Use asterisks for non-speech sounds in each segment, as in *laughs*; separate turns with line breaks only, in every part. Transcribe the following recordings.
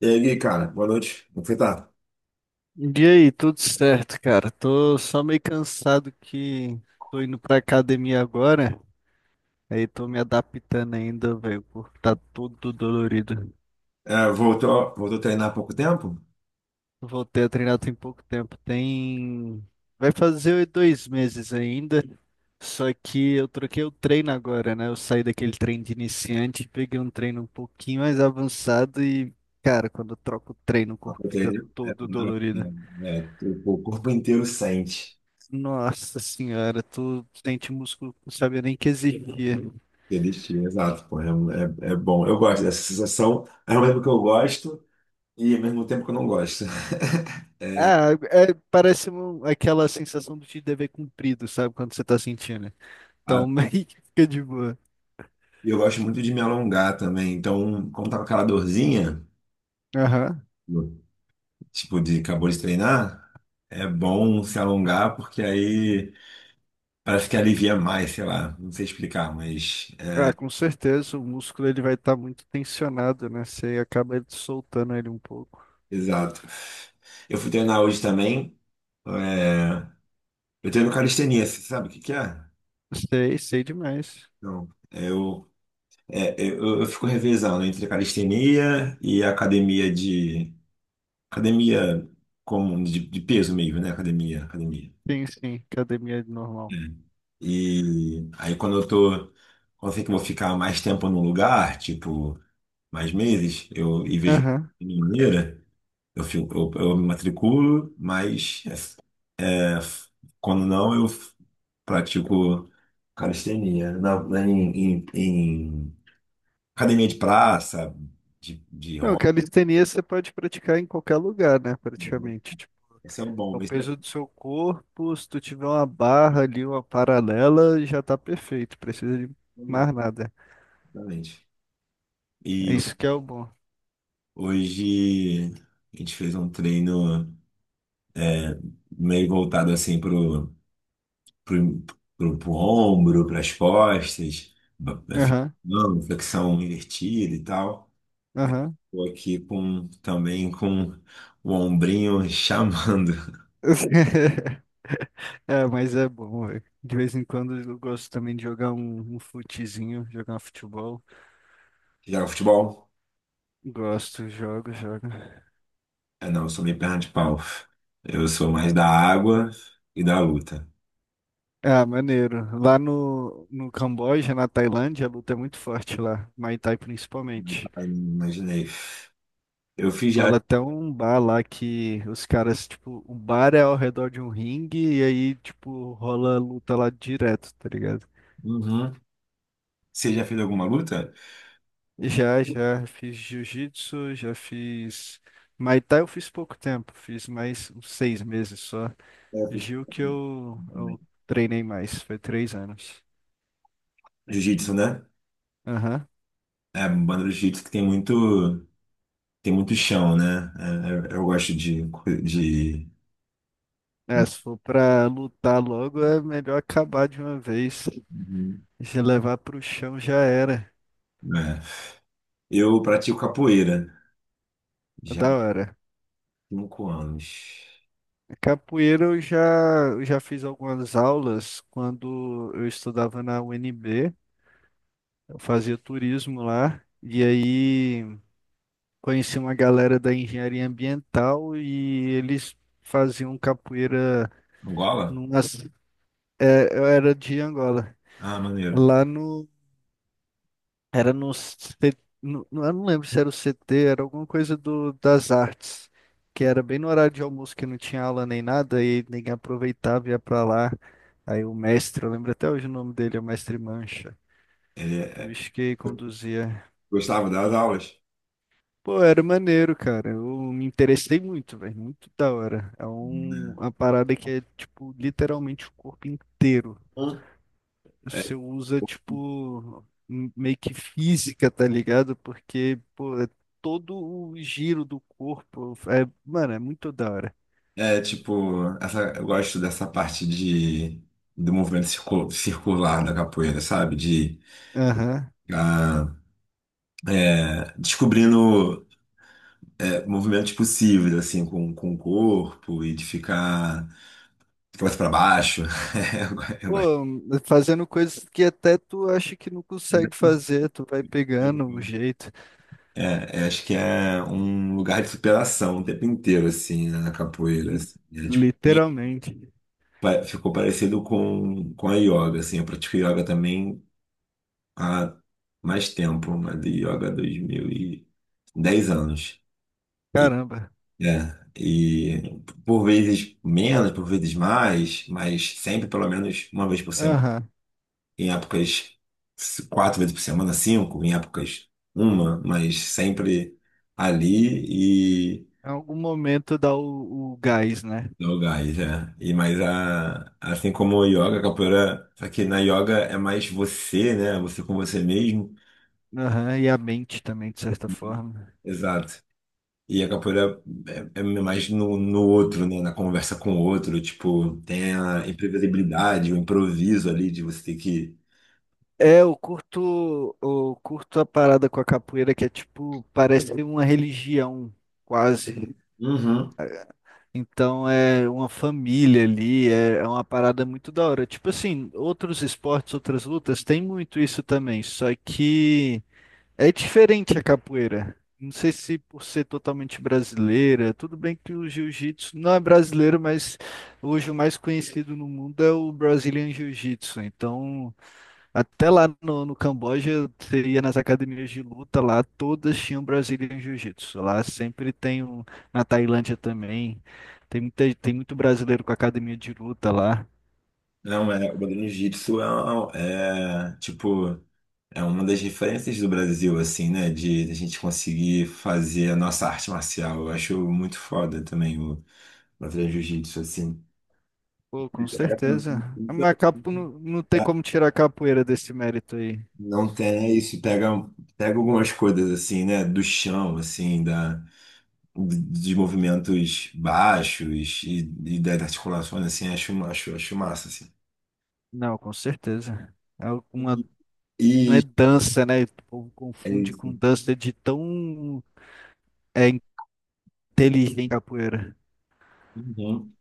E aí, Gui, cara, boa noite. Como foi, tá?
E aí, tudo certo, cara? Tô só meio cansado que tô indo pra academia agora. Aí tô me adaptando ainda, velho. O corpo tá todo dolorido.
É, voltou a treinar há pouco tempo?
Voltei a treinar tem pouco tempo. Tem. Vai fazer dois meses ainda. Só que eu troquei o treino agora, né? Eu saí daquele treino de iniciante, e peguei um treino um pouquinho mais avançado e, cara, quando eu troco o treino, o
Há
corpo
pouco
fica
tempo, né?
todo dolorido.
O corpo inteiro sente
Nossa senhora, tu sente músculo que não sabia nem que existia.
aquele estilo, exato, pô, é bom. Eu gosto dessa sensação, ao mesmo tempo que eu gosto e ao mesmo tempo que eu não gosto. *laughs*
Ah, é, parece aquela sensação do de dever cumprido, sabe? Quando você tá sentindo.
Ah,
Então, *laughs* meio que fica de boa.
e eu gosto muito de me alongar também, então, como tá com aquela dorzinha,
Aham.
tipo, de acabou de treinar, é bom se alongar porque aí parece que alivia mais, sei lá, não sei explicar, mas...
Ah, com certeza, o músculo ele vai estar muito tensionado, né? Você acaba soltando ele um pouco.
Exato. Eu fui treinar hoje também. é, Eu treino calistenia, você sabe o que que é?
Sei, sei demais.
Não. Eu, é, é, eu fico revezando entre calistenia e academia de. Academia comum, de peso mesmo, né? Academia.
Sim, sim, academia
É.
normal.
E aí quando eu tô. Quando eu sei que eu vou ficar mais tempo num lugar, tipo, mais meses, eu e vejo
Aham.
de maneira, eu me matriculo, mas é. É, Quando não, eu pratico calistenia em academia de praça, de
Não,
rock.
calistenia você pode praticar em qualquer lugar, né?
Uhum.
Praticamente.
Esse é o
É
bom,
o
esse é o
peso do seu corpo, se tu tiver uma barra ali, uma paralela, já tá perfeito. Precisa de
bom,
mais nada.
exatamente.
É
E
isso que é o bom.
hoje a gente fez um treino meio voltado assim pro, pro ombro, pras costas,
Aham,
flexão invertida e tal. Aí
aham.
tô aqui com também com o ombrinho *laughs* chamando.
*laughs* É, mas é bom, velho. De vez em quando eu gosto também de jogar um futezinho, jogar um futebol.
Você joga futebol?
Gosto, jogo, jogo.
É, não, eu sou meio perna de pau. Eu sou mais da água e da luta.
Ah, maneiro. Lá no Camboja, na Tailândia, a luta é muito forte lá. Muay Thai principalmente.
Ai, imaginei. Eu fiz já.
Rola até um bar lá que os caras, tipo, o bar é ao redor de um ringue e aí, tipo, rola luta lá direto, tá ligado?
Uhum. Você já fez alguma luta?
Já, já fiz jiu-jitsu, já fiz. Muay Thai eu fiz pouco tempo, fiz mais uns seis meses só.
É, eu fiz.
Jiu que eu treinei mais, foi três anos.
Jiu-jitsu, né?
Aham.
É, banda do jiu-jitsu que tem muito chão, né? É, eu gosto de...
É, se for pra lutar logo, é melhor acabar de uma vez.
Uhum.
Se levar pro chão já era.
É. Eu pratico capoeira
É,
já
da
há
hora.
5 anos.
Capoeira eu já fiz algumas aulas quando eu estudava na UNB, eu fazia turismo lá, e aí conheci uma galera da engenharia ambiental e eles faziam capoeira
Angola?
numas, é, eu era de Angola,
Ah, maneiro.
lá no. Era eu não lembro se era o CT, era alguma coisa do, das artes, que era bem no horário de almoço que não tinha aula nem nada e ninguém aproveitava e ia pra lá. Aí o mestre, eu lembro até hoje o nome dele, é o mestre Mancha,
Ele
o
é-.
bicho que conduzia.
Gostava das aulas?
Pô, era maneiro, cara. Eu me interessei muito, velho, muito da hora. É um,
Né?
uma parada que é tipo literalmente o corpo inteiro. Você usa, tipo, meio que física, tá ligado? Porque, pô, é todo o giro do corpo. É, mano, é muito da hora.
É, tipo, essa, eu gosto dessa parte de, do movimento circular da capoeira, sabe? De
Aham.
ah, descobrindo é, movimentos possíveis, assim, com o corpo e de ficar de cabeça para baixo. *laughs* Eu gosto.
Pô, fazendo coisas que até tu acha que não consegue fazer, tu vai pegando o jeito.
É, acho que é um lugar de superação o tempo inteiro, assim, né, na capoeira.
Li-
Assim. É, tipo,
Literalmente.
ficou parecido com a yoga, assim. Eu pratico yoga também há mais tempo, uma de yoga 2010 anos. E,
Caramba.
é, e por vezes menos, por vezes mais, mas sempre pelo menos uma vez por semana.
Aham.
Em épocas 4 vezes por semana, 5, em épocas uma, mas sempre ali e
Em algum momento dá o gás, né?
no gás, é. E, mas a, assim como a yoga, a capoeira, só que na yoga é mais você, né? Você com você mesmo.
Aham. E a mente também, de certa forma.
Exato. E a capoeira é mais no, no outro, né? Na conversa com o outro. Tipo, tem a imprevisibilidade, o improviso ali de você ter que.
É, eu curto a parada com a capoeira que é tipo, parece uma religião, quase.
Uhum.
Então é uma família ali, é, é uma parada muito da hora. Tipo assim, outros esportes, outras lutas, tem muito isso também, só que é diferente a capoeira. Não sei se por ser totalmente brasileira, tudo bem que o jiu-jitsu não é brasileiro, mas hoje o mais conhecido no mundo é o Brazilian Jiu-Jitsu. Então. Até lá no Camboja, você ia nas academias de luta lá, todas tinham Brazilian Jiu-Jitsu. Lá sempre tem um, na Tailândia também, tem muita, tem muito brasileiro com academia de luta lá.
Não, é, o Bailarino Jiu-Jitsu tipo, é uma das referências do Brasil, assim, né? De a gente conseguir fazer a nossa arte marcial. Eu acho muito foda também o Bailarino Jiu-Jitsu, assim.
Pô, com
Pega
certeza.
também.
Mas capo, não tem como tirar a capoeira desse mérito aí.
Não tem é isso, pega algumas coisas, assim, né? Do chão, assim, da dos movimentos baixos e das articulações, assim, acho massa, assim.
Não, com certeza. É uma, não é
E
dança, né? O povo
é
confunde com
isso.
dança de tão é, inteligente a capoeira.
Uhum.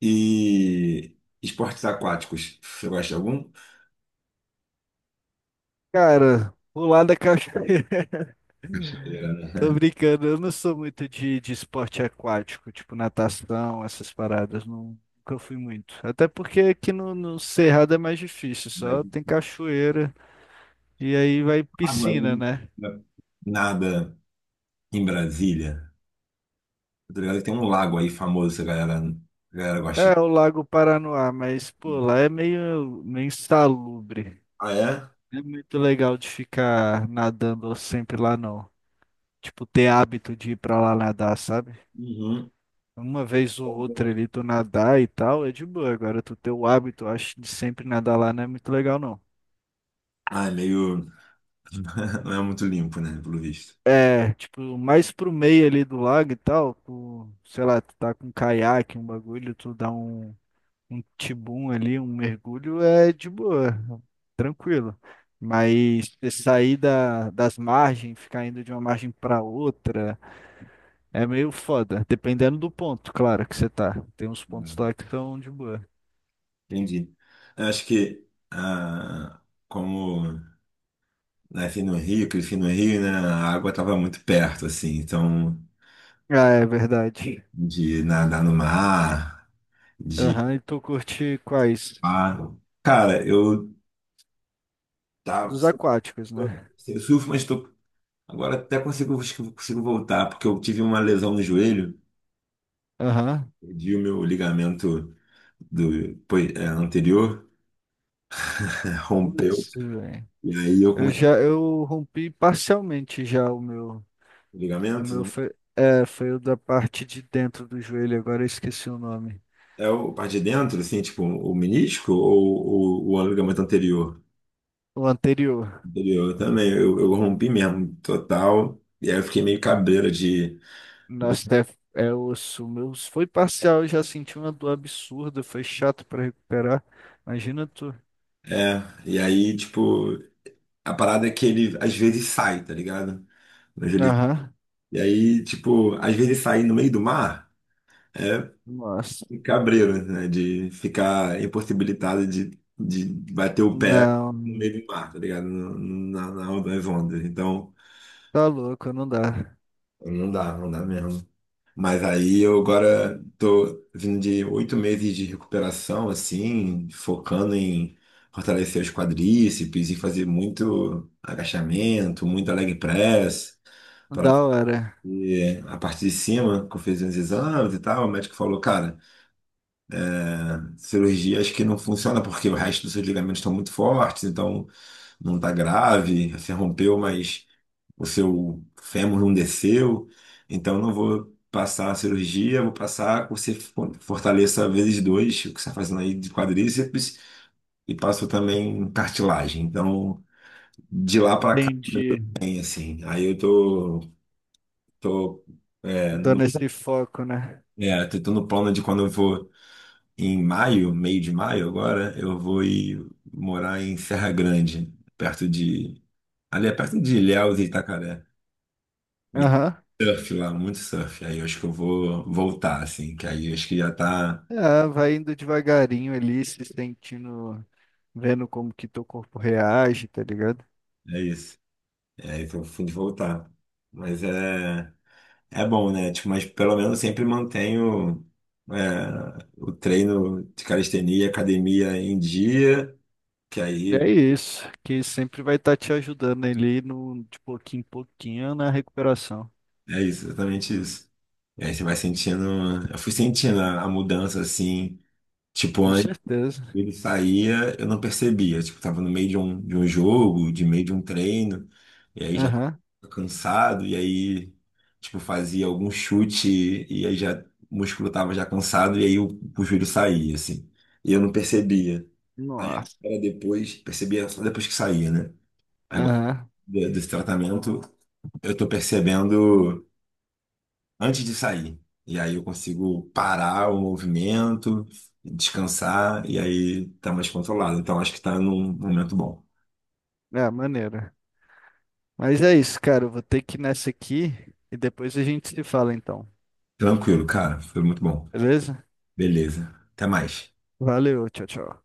E esportes aquáticos, você gosta de algum?
Cara, pular da cachoeira. *laughs*
Cachoeira,
Tô
né?
brincando, eu não sou muito de esporte aquático, tipo natação, essas paradas, não- nunca fui muito. Até porque aqui no Cerrado é mais difícil,
*laughs* Mas
só tem cachoeira e aí vai
água
piscina,
ali,
né?
né? Nada em Brasília. Tá ligado? Que tem um lago aí famoso, que a galera gosta. De-.
É, o Lago Paranoá, mas pô, lá é meio, meio insalubre.
Ah, é?
Não é muito legal de ficar nadando sempre lá, não. Tipo, ter hábito de ir pra lá nadar, sabe?
Uhum.
Uma vez ou outra ali tu nadar e tal, é de boa. Agora tu ter o hábito, eu acho, de sempre nadar lá não é muito legal, não.
Ah, é meio. *laughs* Não é muito limpo, né? Pelo visto.
É, tipo, mais pro meio ali do lago e tal, tu, sei lá, tu tá com um caiaque, um bagulho, tu dá um, um tibum ali, um mergulho, é de boa, tranquilo. Mas você sair da, das margens, ficar indo de uma margem pra outra, é meio foda, dependendo do ponto, claro, que você tá. Tem uns pontos lá que são de boa.
Entendi. Eu acho que ah, como nasci no Rio, cresci no Rio, né, a água estava muito perto, assim, então
Ah, é verdade.
de nadar no mar, de
Aham, e tu curte quais?
ah, cara, eu tava
Dos
assim,
aquáticos, né?
eu surfo, mas tô, agora até consigo acho que eu consigo voltar porque eu tive uma lesão no joelho,
Aham.
perdi o meu ligamento do pois, é, anterior, *laughs* rompeu
Putz, velho.
e aí eu comecei
Eu rompi parcialmente já o meu.
com
o
ligamento,
meu
né.
foi, é, foi o da parte de dentro do joelho, agora eu esqueci o nome.
É o parte de dentro, assim, tipo, o menisco ou o ligamento anterior?
O anterior.
Anterior também, eu rompi mesmo, total. E aí eu fiquei meio cabreiro de.
Nossa, é, é osso. O meu foi parcial, eu já senti uma dor absurda, foi chato para recuperar. Imagina tu.
É, e aí, tipo, a parada é que ele às vezes sai, tá ligado? Mas ele,
Aham.
e aí, tipo, às vezes sair no meio do mar é
Nossa.
cabreiro, né? De ficar impossibilitado de bater o pé no
Não.
meio do mar, tá ligado? Na, nas ondas. Então,
Tá louco, não dá.
não dá mesmo. Mas aí eu agora tô vindo de 8 meses de recuperação, assim, focando em fortalecer os quadríceps e fazer muito agachamento, muito leg press, para
Da hora.
a parte de cima, que eu fiz uns exames e tal, o médico falou, cara, cirurgia acho que não funciona porque o resto dos seus ligamentos estão muito fortes, então não tá grave, se rompeu, mas o seu fêmur não desceu, então não vou passar a cirurgia, vou passar que você fortaleça vezes dois, o que você está fazendo aí de quadríceps, e passo também cartilagem. Então, de lá para cá,
Entendi.
hein, assim, aí eu tô,
Dando esse foco, né?
tô no plano de quando eu vou em maio, meio de maio agora, eu vou ir morar em Serra Grande, perto de, ali é perto de Ilhéus e Itacaré. E
Aham.
surf lá, muito surf. Aí eu acho que eu vou voltar, assim, que aí eu acho que já tá.
Ah, vai indo devagarinho ali, se sentindo, vendo como que teu corpo reage, tá ligado?
É isso. É aí que eu fui de voltar. Mas é bom, né? Tipo, mas pelo menos eu sempre mantenho é, o treino de calistenia, academia em dia, que aí
É isso, que sempre vai estar te ajudando ali no, de pouquinho em pouquinho na recuperação.
é isso, exatamente isso. E aí você vai sentindo. Eu fui sentindo a mudança, assim, tipo,
Com
antes.
certeza.
Ele saía, eu não percebia. Tipo, tava no meio de um jogo, de meio de um treino. E aí já
Aham.
cansado, e aí, tipo, fazia algum chute e aí já o músculo tava já cansado, e aí o joelho saía, assim. E eu não percebia. Aí
Nossa.
era depois, percebia só depois que saía, né? Agora,
Aham.
desse tratamento, eu tô percebendo antes de sair. E aí eu consigo parar o movimento, descansar, e aí tá mais controlado. Então acho que tá num momento bom.
É, maneira. Mas é isso, cara. Eu vou ter que ir nessa aqui e depois a gente se fala então.
Tranquilo, cara. Foi muito bom.
Beleza?
Beleza. Até mais.
Valeu, tchau, tchau.